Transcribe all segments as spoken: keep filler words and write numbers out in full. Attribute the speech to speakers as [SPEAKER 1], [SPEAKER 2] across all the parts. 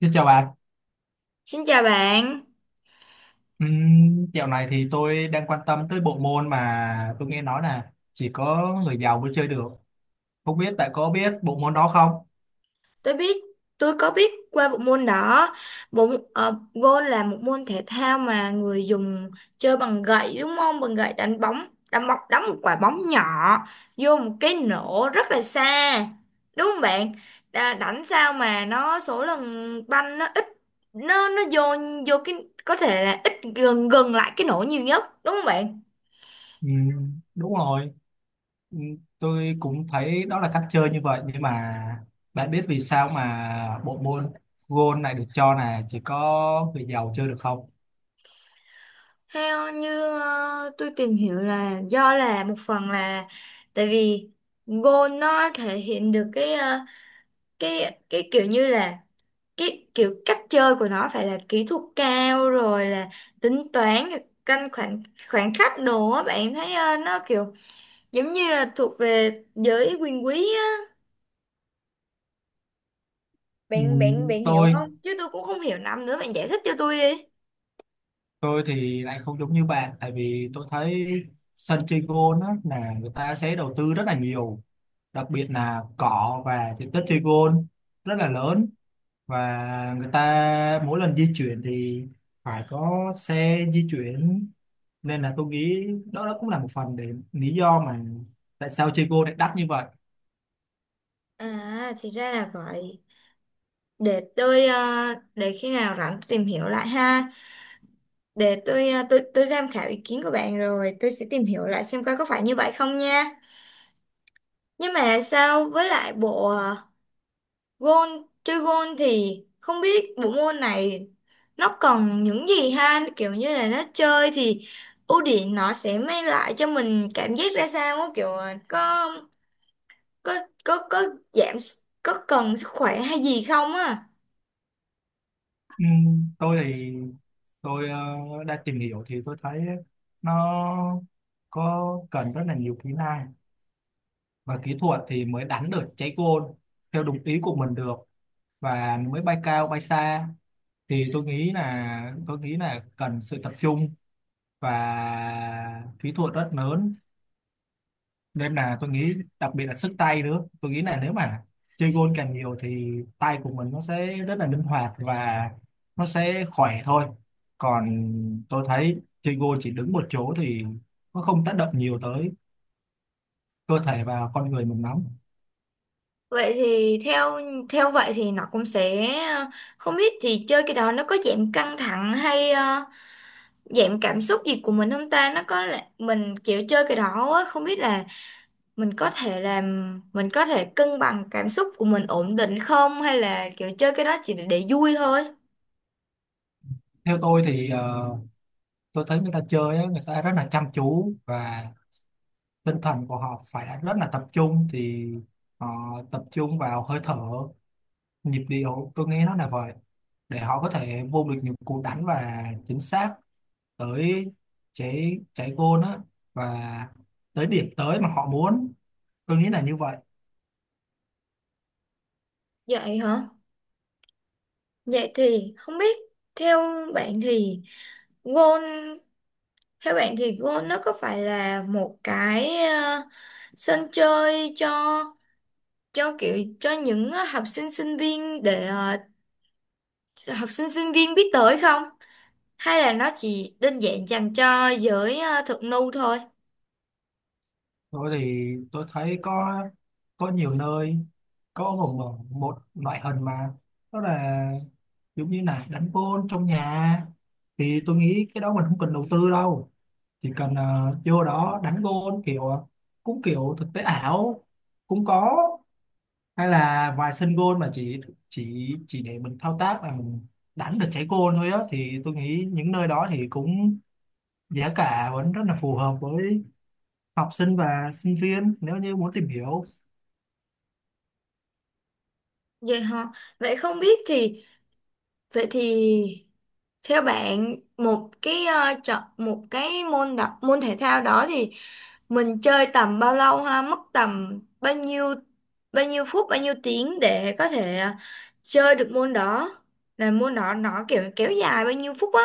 [SPEAKER 1] Xin chào bạn.
[SPEAKER 2] Xin chào bạn,
[SPEAKER 1] Ừm, dạo này thì tôi đang quan tâm tới bộ môn mà tôi nghe nói là chỉ có người giàu mới chơi được. Không biết bạn có biết bộ môn đó không?
[SPEAKER 2] tôi biết tôi có biết qua bộ môn đó. Bộ ờ, golf là một môn thể thao mà người dùng chơi bằng gậy, đúng không? Bằng gậy đánh bóng, đánh bóng đánh một quả bóng nhỏ vô một cái nổ rất là xa. Đúng không bạn? Đà, đánh sao mà nó số lần banh nó ít, nó nó vô vô cái, có thể là ít gần gần lại cái nổ nhiều nhất, đúng không bạn?
[SPEAKER 1] Ừm, đúng rồi. Ừm, tôi cũng thấy đó là cách chơi như vậy, nhưng mà bạn biết vì sao mà bộ môn golf này được cho là chỉ có người giàu chơi được không?
[SPEAKER 2] Theo như ờ, tôi tìm hiểu là do là một phần là tại vì go nó thể hiện được cái ờ, cái cái kiểu như là cái kiểu cách chơi của nó phải là kỹ thuật cao, rồi là tính toán, rồi canh khoảng khoảng khắc đồ á, bạn thấy ờ, nó kiểu giống như là thuộc về giới quyền quý á. bạn bạn
[SPEAKER 1] Ừm,
[SPEAKER 2] bạn hiểu
[SPEAKER 1] tôi
[SPEAKER 2] không? Chứ tôi cũng không hiểu lắm nữa, bạn giải thích cho tôi đi.
[SPEAKER 1] tôi thì lại không giống như bạn, tại vì tôi thấy sân chơi golf á là người ta sẽ đầu tư rất là nhiều, đặc biệt là cỏ và diện tích chơi gôn rất là lớn, và người ta mỗi lần di chuyển thì phải có xe di chuyển, nên là tôi nghĩ đó, đó cũng là một phần, để lý do mà tại sao chơi gôn lại đắt như vậy.
[SPEAKER 2] À, thì ra là vậy. để tôi ờ, để khi nào rảnh tôi tìm hiểu lại ha, để tôi à, tôi tôi tham khảo ý kiến của bạn, rồi tôi sẽ tìm hiểu lại xem coi có phải như vậy không nha. Nhưng mà sao, với lại bộ à, gôn chơi gôn thì không biết bộ môn này nó còn những gì ha, kiểu như là nó chơi thì ưu điểm nó sẽ mang lại cho mình cảm giác ra sao á, kiểu à, có có có có giảm, có cần sức khỏe hay gì không á?
[SPEAKER 1] Ừm, tôi thì tôi ờ, đã tìm hiểu thì tôi thấy nó có cần rất là nhiều kỹ năng và kỹ thuật thì mới đánh được trái gôn theo đúng ý của mình được, và mới bay cao bay xa. Thì tôi nghĩ là tôi nghĩ là cần sự tập trung và kỹ thuật rất lớn, nên là tôi nghĩ đặc biệt là sức tay nữa, tôi nghĩ là nếu mà chơi gôn càng nhiều thì tay của mình nó sẽ rất là linh hoạt, và nó sẽ khỏe thôi. Còn tôi thấy chơi gôn chỉ đứng một chỗ thì nó không tác động nhiều tới cơ thể và con người mình lắm.
[SPEAKER 2] Vậy thì theo Theo vậy thì nó cũng sẽ à, không biết thì chơi cái đó nó có giảm căng thẳng hay à, dạng cảm xúc gì của mình không ta? Nó có là mình kiểu chơi cái đó á, không biết là mình có thể làm, mình có thể cân bằng cảm xúc của mình ổn định không, hay là kiểu chơi cái đó chỉ để, để vui thôi?
[SPEAKER 1] Theo tôi thì ờ, tôi thấy người ta chơi á, người ta rất là chăm chú, và tinh thần của họ phải là rất là tập trung, thì họ tập trung vào hơi thở, nhịp điệu, tôi nghe nó là vậy, để họ có thể vô được những cú đánh và chính xác tới trái trái goal á, và tới điểm tới mà họ muốn. Tôi nghĩ là như vậy.
[SPEAKER 2] Vậy hả? Vậy thì không biết, theo bạn thì goal theo bạn thì goal nó có phải là một cái ờ, sân chơi cho, cho kiểu cho những ờ, học sinh sinh viên để ờ, học sinh sinh viên biết tới không, hay là nó chỉ đơn giản dành cho giới ờ, thượng lưu thôi?
[SPEAKER 1] Tôi thì tôi thấy có có nhiều nơi, có một một một loại hình mà đó là giống như là đánh gôn trong nhà, thì tôi nghĩ cái đó mình không cần đầu tư đâu, chỉ cần ờ, vô đó đánh gôn kiểu ờ, cũng kiểu thực tế ảo cũng có, hay là vài sân gôn mà chỉ chỉ chỉ để mình thao tác là mình đánh được trái gôn thôi á, thì tôi nghĩ những nơi đó thì cũng giá cả vẫn rất là phù hợp với học sinh và sinh viên nếu như muốn tìm hiểu.
[SPEAKER 2] Vậy hả? Vậy không biết thì Vậy thì theo bạn, một cái ờ, chọn một cái môn đặc môn thể thao đó thì mình chơi tầm bao lâu ha, mất tầm bao nhiêu, bao nhiêu phút, bao nhiêu tiếng để có thể ờ, chơi được môn đó? Là môn đó nó kiểu kéo dài bao nhiêu phút á?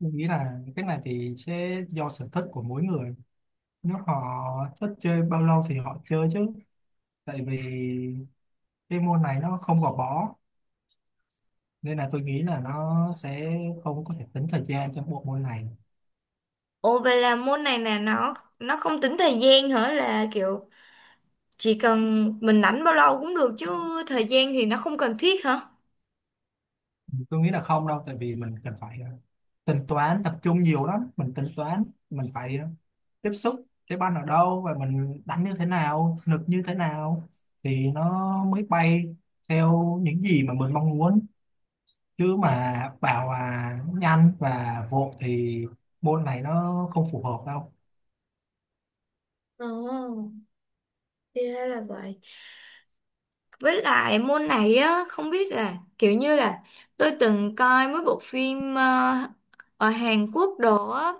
[SPEAKER 1] Tôi nghĩ là cái này thì sẽ do sở thích của mỗi người, nếu họ thích chơi bao lâu thì họ chơi chứ, tại vì cái môn này nó không gò bó, nên là tôi nghĩ là nó sẽ không có thể tính thời gian trong bộ môn này.
[SPEAKER 2] Ồ, vậy là môn này là nó nó không tính thời gian hả? Là kiểu chỉ cần mình rảnh bao lâu cũng được chứ, thời gian thì nó không cần thiết hả?
[SPEAKER 1] Tôi nghĩ là không đâu, tại vì mình cần phải ờ, tính toán tập trung nhiều lắm, mình tính toán mình phải ờ, tiếp xúc cái banh ở đâu và mình đánh như thế nào, lực như thế nào, thì nó mới bay theo những gì mà mình mong muốn, chứ mà bảo là nhanh và vội thì môn này nó không phù hợp đâu.
[SPEAKER 2] Ồ, thì ra là vậy. Với lại môn này á, không biết là kiểu như là tôi từng coi mấy bộ phim ờ, ở Hàn Quốc đồ á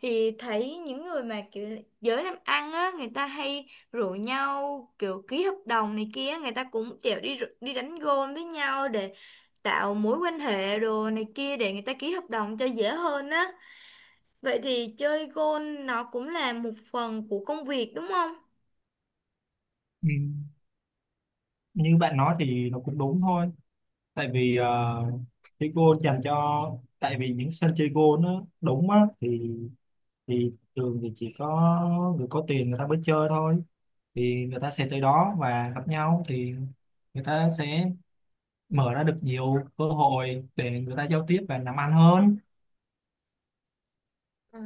[SPEAKER 2] thì thấy những người mà kiểu giới làm ăn á, người ta hay rủ nhau kiểu ký hợp đồng này kia, người ta cũng kiểu đi rủ- đi đánh gôn với nhau để tạo mối quan hệ đồ này kia, để người ta ký hợp đồng cho dễ hơn á. Vậy thì chơi golf nó cũng là một phần của công việc, đúng không?
[SPEAKER 1] Ừ. Như bạn nói thì nó cũng đúng thôi, tại vì uh, cái goal dành cho, tại vì những sân chơi goal nó đúng á thì thì thường thì chỉ có người có tiền người ta mới chơi thôi, thì người ta sẽ tới đó và gặp nhau thì người ta sẽ mở ra được nhiều cơ hội để người ta giao tiếp và làm ăn hơn.
[SPEAKER 2] À,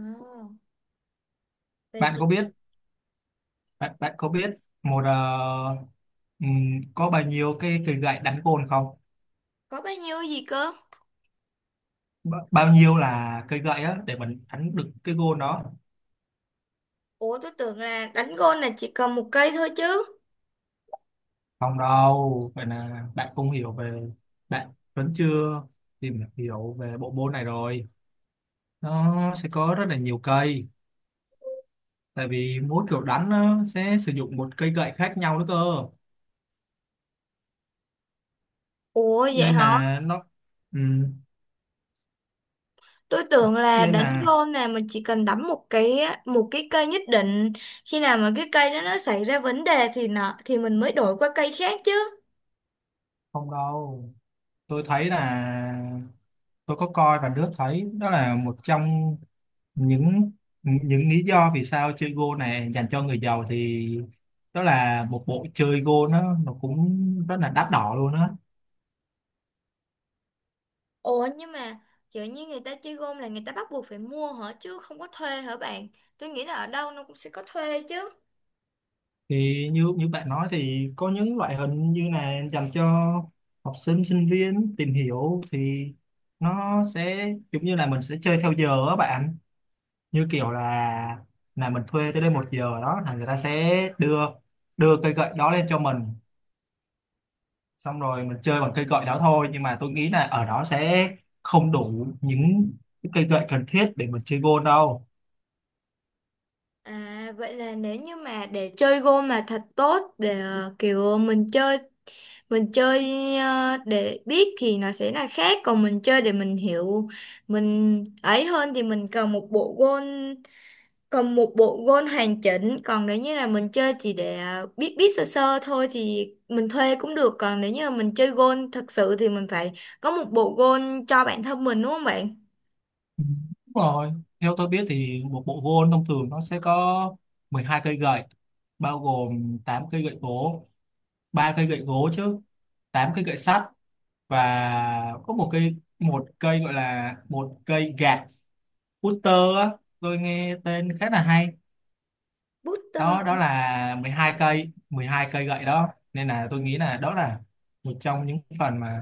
[SPEAKER 2] vậy
[SPEAKER 1] Bạn
[SPEAKER 2] thì.
[SPEAKER 1] có biết, bạn bạn có biết một ờ, ừm, có bao nhiêu cái cây gậy đánh gôn không?
[SPEAKER 2] Có bao nhiêu gì cơ?
[SPEAKER 1] Ba- bao nhiêu là cây gậy á để mình đánh được cái gôn đó?
[SPEAKER 2] Ủa, tôi tưởng là đánh golf là chỉ cần một cây thôi chứ.
[SPEAKER 1] Không đâu, vậy là bạn không hiểu về, bạn vẫn chưa tìm hiểu về bộ môn này rồi. Nó sẽ có rất là nhiều cây, tại vì mỗi kiểu đánh nó sẽ sử dụng một cây gậy khác nhau nữa cơ.
[SPEAKER 2] Ủa, vậy
[SPEAKER 1] nên
[SPEAKER 2] hả?
[SPEAKER 1] là nó ừ,
[SPEAKER 2] Tôi tưởng là
[SPEAKER 1] nên
[SPEAKER 2] đánh
[SPEAKER 1] là
[SPEAKER 2] golf là mình chỉ cần đắm một cái một cái cây nhất định. Khi nào mà cái cây đó nó xảy ra vấn đề thì nó, thì mình mới đổi qua cây khác chứ.
[SPEAKER 1] không đâu, tôi thấy là tôi có coi và đứa thấy đó là một trong những những lý do vì sao chơi Go này dành cho người giàu, thì đó là một bộ chơi Go nó nó cũng rất là đắt đỏ luôn á.
[SPEAKER 2] Ủa, nhưng mà kiểu như người ta chơi golf là người ta bắt buộc phải mua hả, chứ không có thuê hả bạn? Tôi nghĩ là ở đâu nó cũng sẽ có thuê chứ.
[SPEAKER 1] Thì như như bạn nói thì có những loại hình như là dành cho học sinh sinh viên tìm hiểu, thì nó sẽ giống như là mình sẽ chơi theo giờ á bạn, như kiểu là là mình thuê tới đây một giờ đó, là người ta sẽ đưa đưa cây gậy đó lên cho mình, xong rồi mình chơi bằng cây gậy đó thôi, nhưng mà tôi nghĩ là ở đó sẽ không đủ những cái cây gậy cần thiết để mình chơi gôn đâu.
[SPEAKER 2] À, vậy là nếu như mà để chơi gôn mà thật tốt để ờ, kiểu mình chơi, mình chơi ờ, để biết thì nó sẽ là khác, còn mình chơi để mình hiểu mình ấy hơn thì mình cần một bộ gôn cần một bộ gôn hoàn chỉnh. Còn nếu như là mình chơi chỉ để ờ, biết biết sơ sơ thôi thì mình thuê cũng được, còn nếu như mà mình chơi gôn thật sự thì mình phải có một bộ gôn cho bản thân mình, đúng không bạn?
[SPEAKER 1] Ừ, đúng rồi. Theo tôi biết thì một bộ gôn thông thường nó sẽ có mười hai cây gậy, bao gồm tám cây gậy gỗ, ba cây gậy gỗ chứ, tám cây gậy sắt, và có một cây một cây gọi là một cây gạt, putter á, tôi nghe tên khá là hay.
[SPEAKER 2] Booster.
[SPEAKER 1] Đó đó là mười hai cây, mười hai cây gậy đó. Nên là tôi nghĩ là đó là một trong những phần mà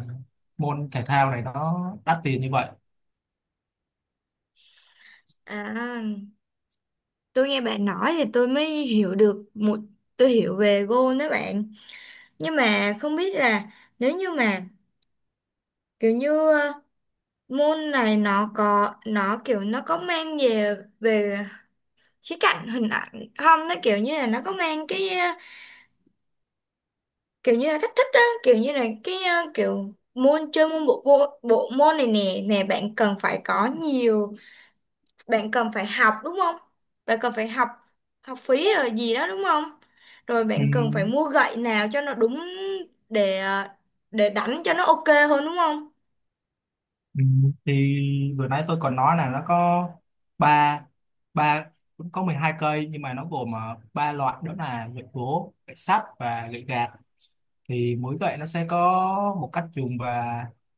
[SPEAKER 1] môn thể thao này nó đắt tiền như vậy.
[SPEAKER 2] À, tôi nghe bạn nói thì tôi mới hiểu được một tôi hiểu về gôn đó bạn. Nhưng mà không biết là, nếu như mà kiểu như ờ, môn này nó có nó kiểu nó có mang về về khía cạnh hình ảnh không, nó kiểu như là nó có mang cái ờ, kiểu như là thách thức đó, kiểu như là cái ờ, kiểu môn chơi môn bộ bộ, bộ môn này nè nè, bạn cần phải có nhiều bạn cần phải học, đúng không? Bạn cần phải học học phí rồi gì đó, đúng không? Rồi
[SPEAKER 1] Ừ.
[SPEAKER 2] bạn cần phải mua gậy nào cho nó đúng, để à, để đánh cho nó ok hơn, đúng không?
[SPEAKER 1] Ừ, thì vừa nãy tôi còn nói là nó có ba ba cũng có mười hai cây, nhưng mà nó gồm ờ, ba loại, đó là gậy gỗ, gậy sắt và gậy gạt, thì mỗi gậy nó sẽ có một cách dùng và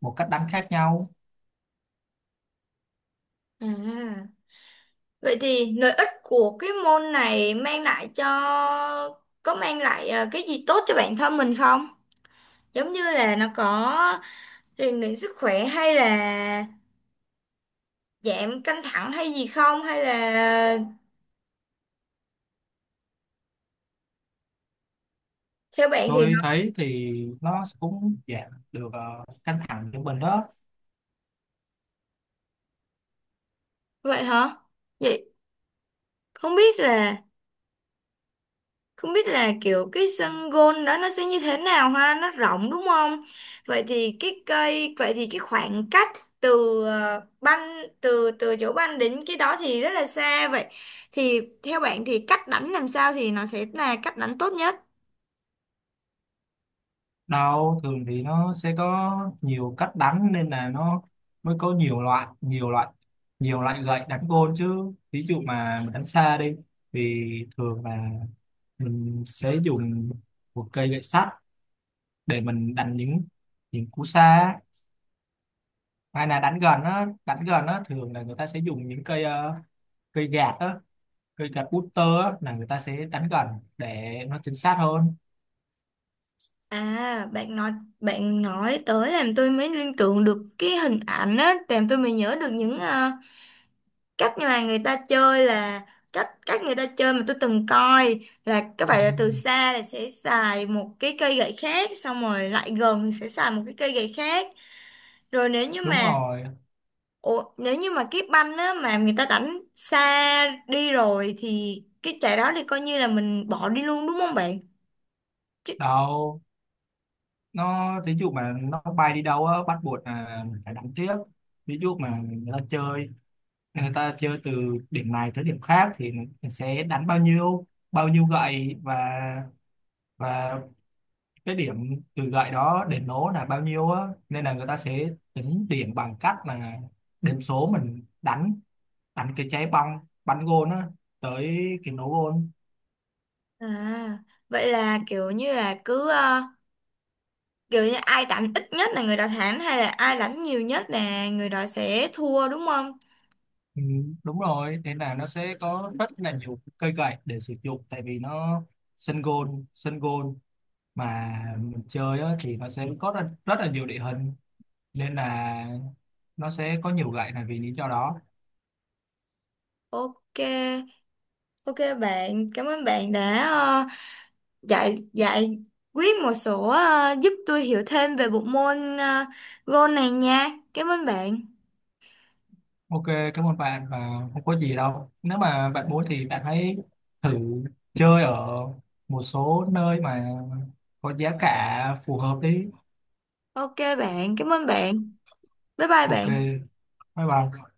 [SPEAKER 1] một cách đánh khác nhau.
[SPEAKER 2] À, vậy thì lợi ích của cái môn này mang lại cho có mang lại ờ, cái gì tốt cho bản thân mình không? Giống như là nó có rèn luyện sức khỏe, hay là giảm căng thẳng hay gì không, hay là theo bạn thì
[SPEAKER 1] Tôi
[SPEAKER 2] nó.
[SPEAKER 1] thấy thì nó cũng giảm được ờ, căng thẳng cho mình đó.
[SPEAKER 2] Vậy hả? Vậy không biết là Không biết là kiểu cái sân gôn đó nó sẽ như thế nào ha, nó rộng đúng không? Vậy thì cái cây, vậy thì cái khoảng cách từ ờ, banh từ từ chỗ banh đến cái đó thì rất là xa vậy. Thì theo bạn thì cách đánh làm sao thì nó sẽ là cách đánh tốt nhất?
[SPEAKER 1] Đâu, thường thì nó sẽ có nhiều cách đánh, nên là nó mới có nhiều loại nhiều loại nhiều loại gậy đánh gôn chứ. Ví dụ mà mình đánh xa đi thì thường là mình sẽ dùng một cây gậy sắt để mình đánh những những cú xa, hay là đánh gần á, đánh gần á thường là người ta sẽ dùng những cây ờ, cây gạt á, cây gạt putter á là người ta sẽ đánh gần để nó chính xác hơn.
[SPEAKER 2] À, bạn nói bạn nói tới làm tôi mới liên tưởng được cái hình ảnh á, làm tôi mới nhớ được những ờ, cách mà người ta chơi là cách cách người ta chơi mà tôi từng coi, là các
[SPEAKER 1] Ừ,
[SPEAKER 2] bạn là từ xa là sẽ xài một cái cây gậy khác, xong rồi lại gần thì sẽ xài một cái cây gậy khác. Rồi nếu như
[SPEAKER 1] đúng
[SPEAKER 2] mà
[SPEAKER 1] rồi.
[SPEAKER 2] Ủa, nếu như mà cái banh á mà người ta đánh xa đi rồi thì cái trái đó thì coi như là mình bỏ đi luôn, đúng không bạn? Chứ,
[SPEAKER 1] Đâu, nó ví dụ mà nó bay đi đâu á, bắt buộc là mình phải đánh tiếp. Ví dụ mà người ta chơi người ta chơi từ điểm này tới điểm khác thì mình sẽ đánh bao nhiêu bao nhiêu gậy, và và cái điểm từ gậy đó đến nổ là bao nhiêu á, nên là người ta sẽ tính điểm bằng cách là điểm số mình đánh, đánh cái trái bóng bắn gôn á tới cái nổ gôn.
[SPEAKER 2] à vậy là kiểu như là cứ ờ, kiểu như ai đánh ít nhất là người đó thắng, hay là ai đánh nhiều nhất là người đó sẽ thua, đúng không?
[SPEAKER 1] Ừ, đúng rồi, nên là nó sẽ có rất là nhiều cây gậy để sử dụng, tại vì nó, sân gôn sân gôn mà mình chơi á, thì nó sẽ có rất, rất là nhiều địa hình, nên là nó sẽ có nhiều gậy là vì lý do đó.
[SPEAKER 2] Ok Ok bạn, cảm ơn bạn đã ờ, dạy dạy quyết một số ờ, giúp tôi hiểu thêm về bộ môn uh, golf này nha. Cảm ơn bạn.
[SPEAKER 1] Ok, cảm ơn bạn. Và không có gì đâu, nếu mà bạn muốn thì bạn hãy thử chơi ở một số nơi mà có giá cả phù hợp đi.
[SPEAKER 2] Ok bạn, cảm ơn bạn. Bye bye
[SPEAKER 1] Ok,
[SPEAKER 2] bạn.
[SPEAKER 1] bye bye.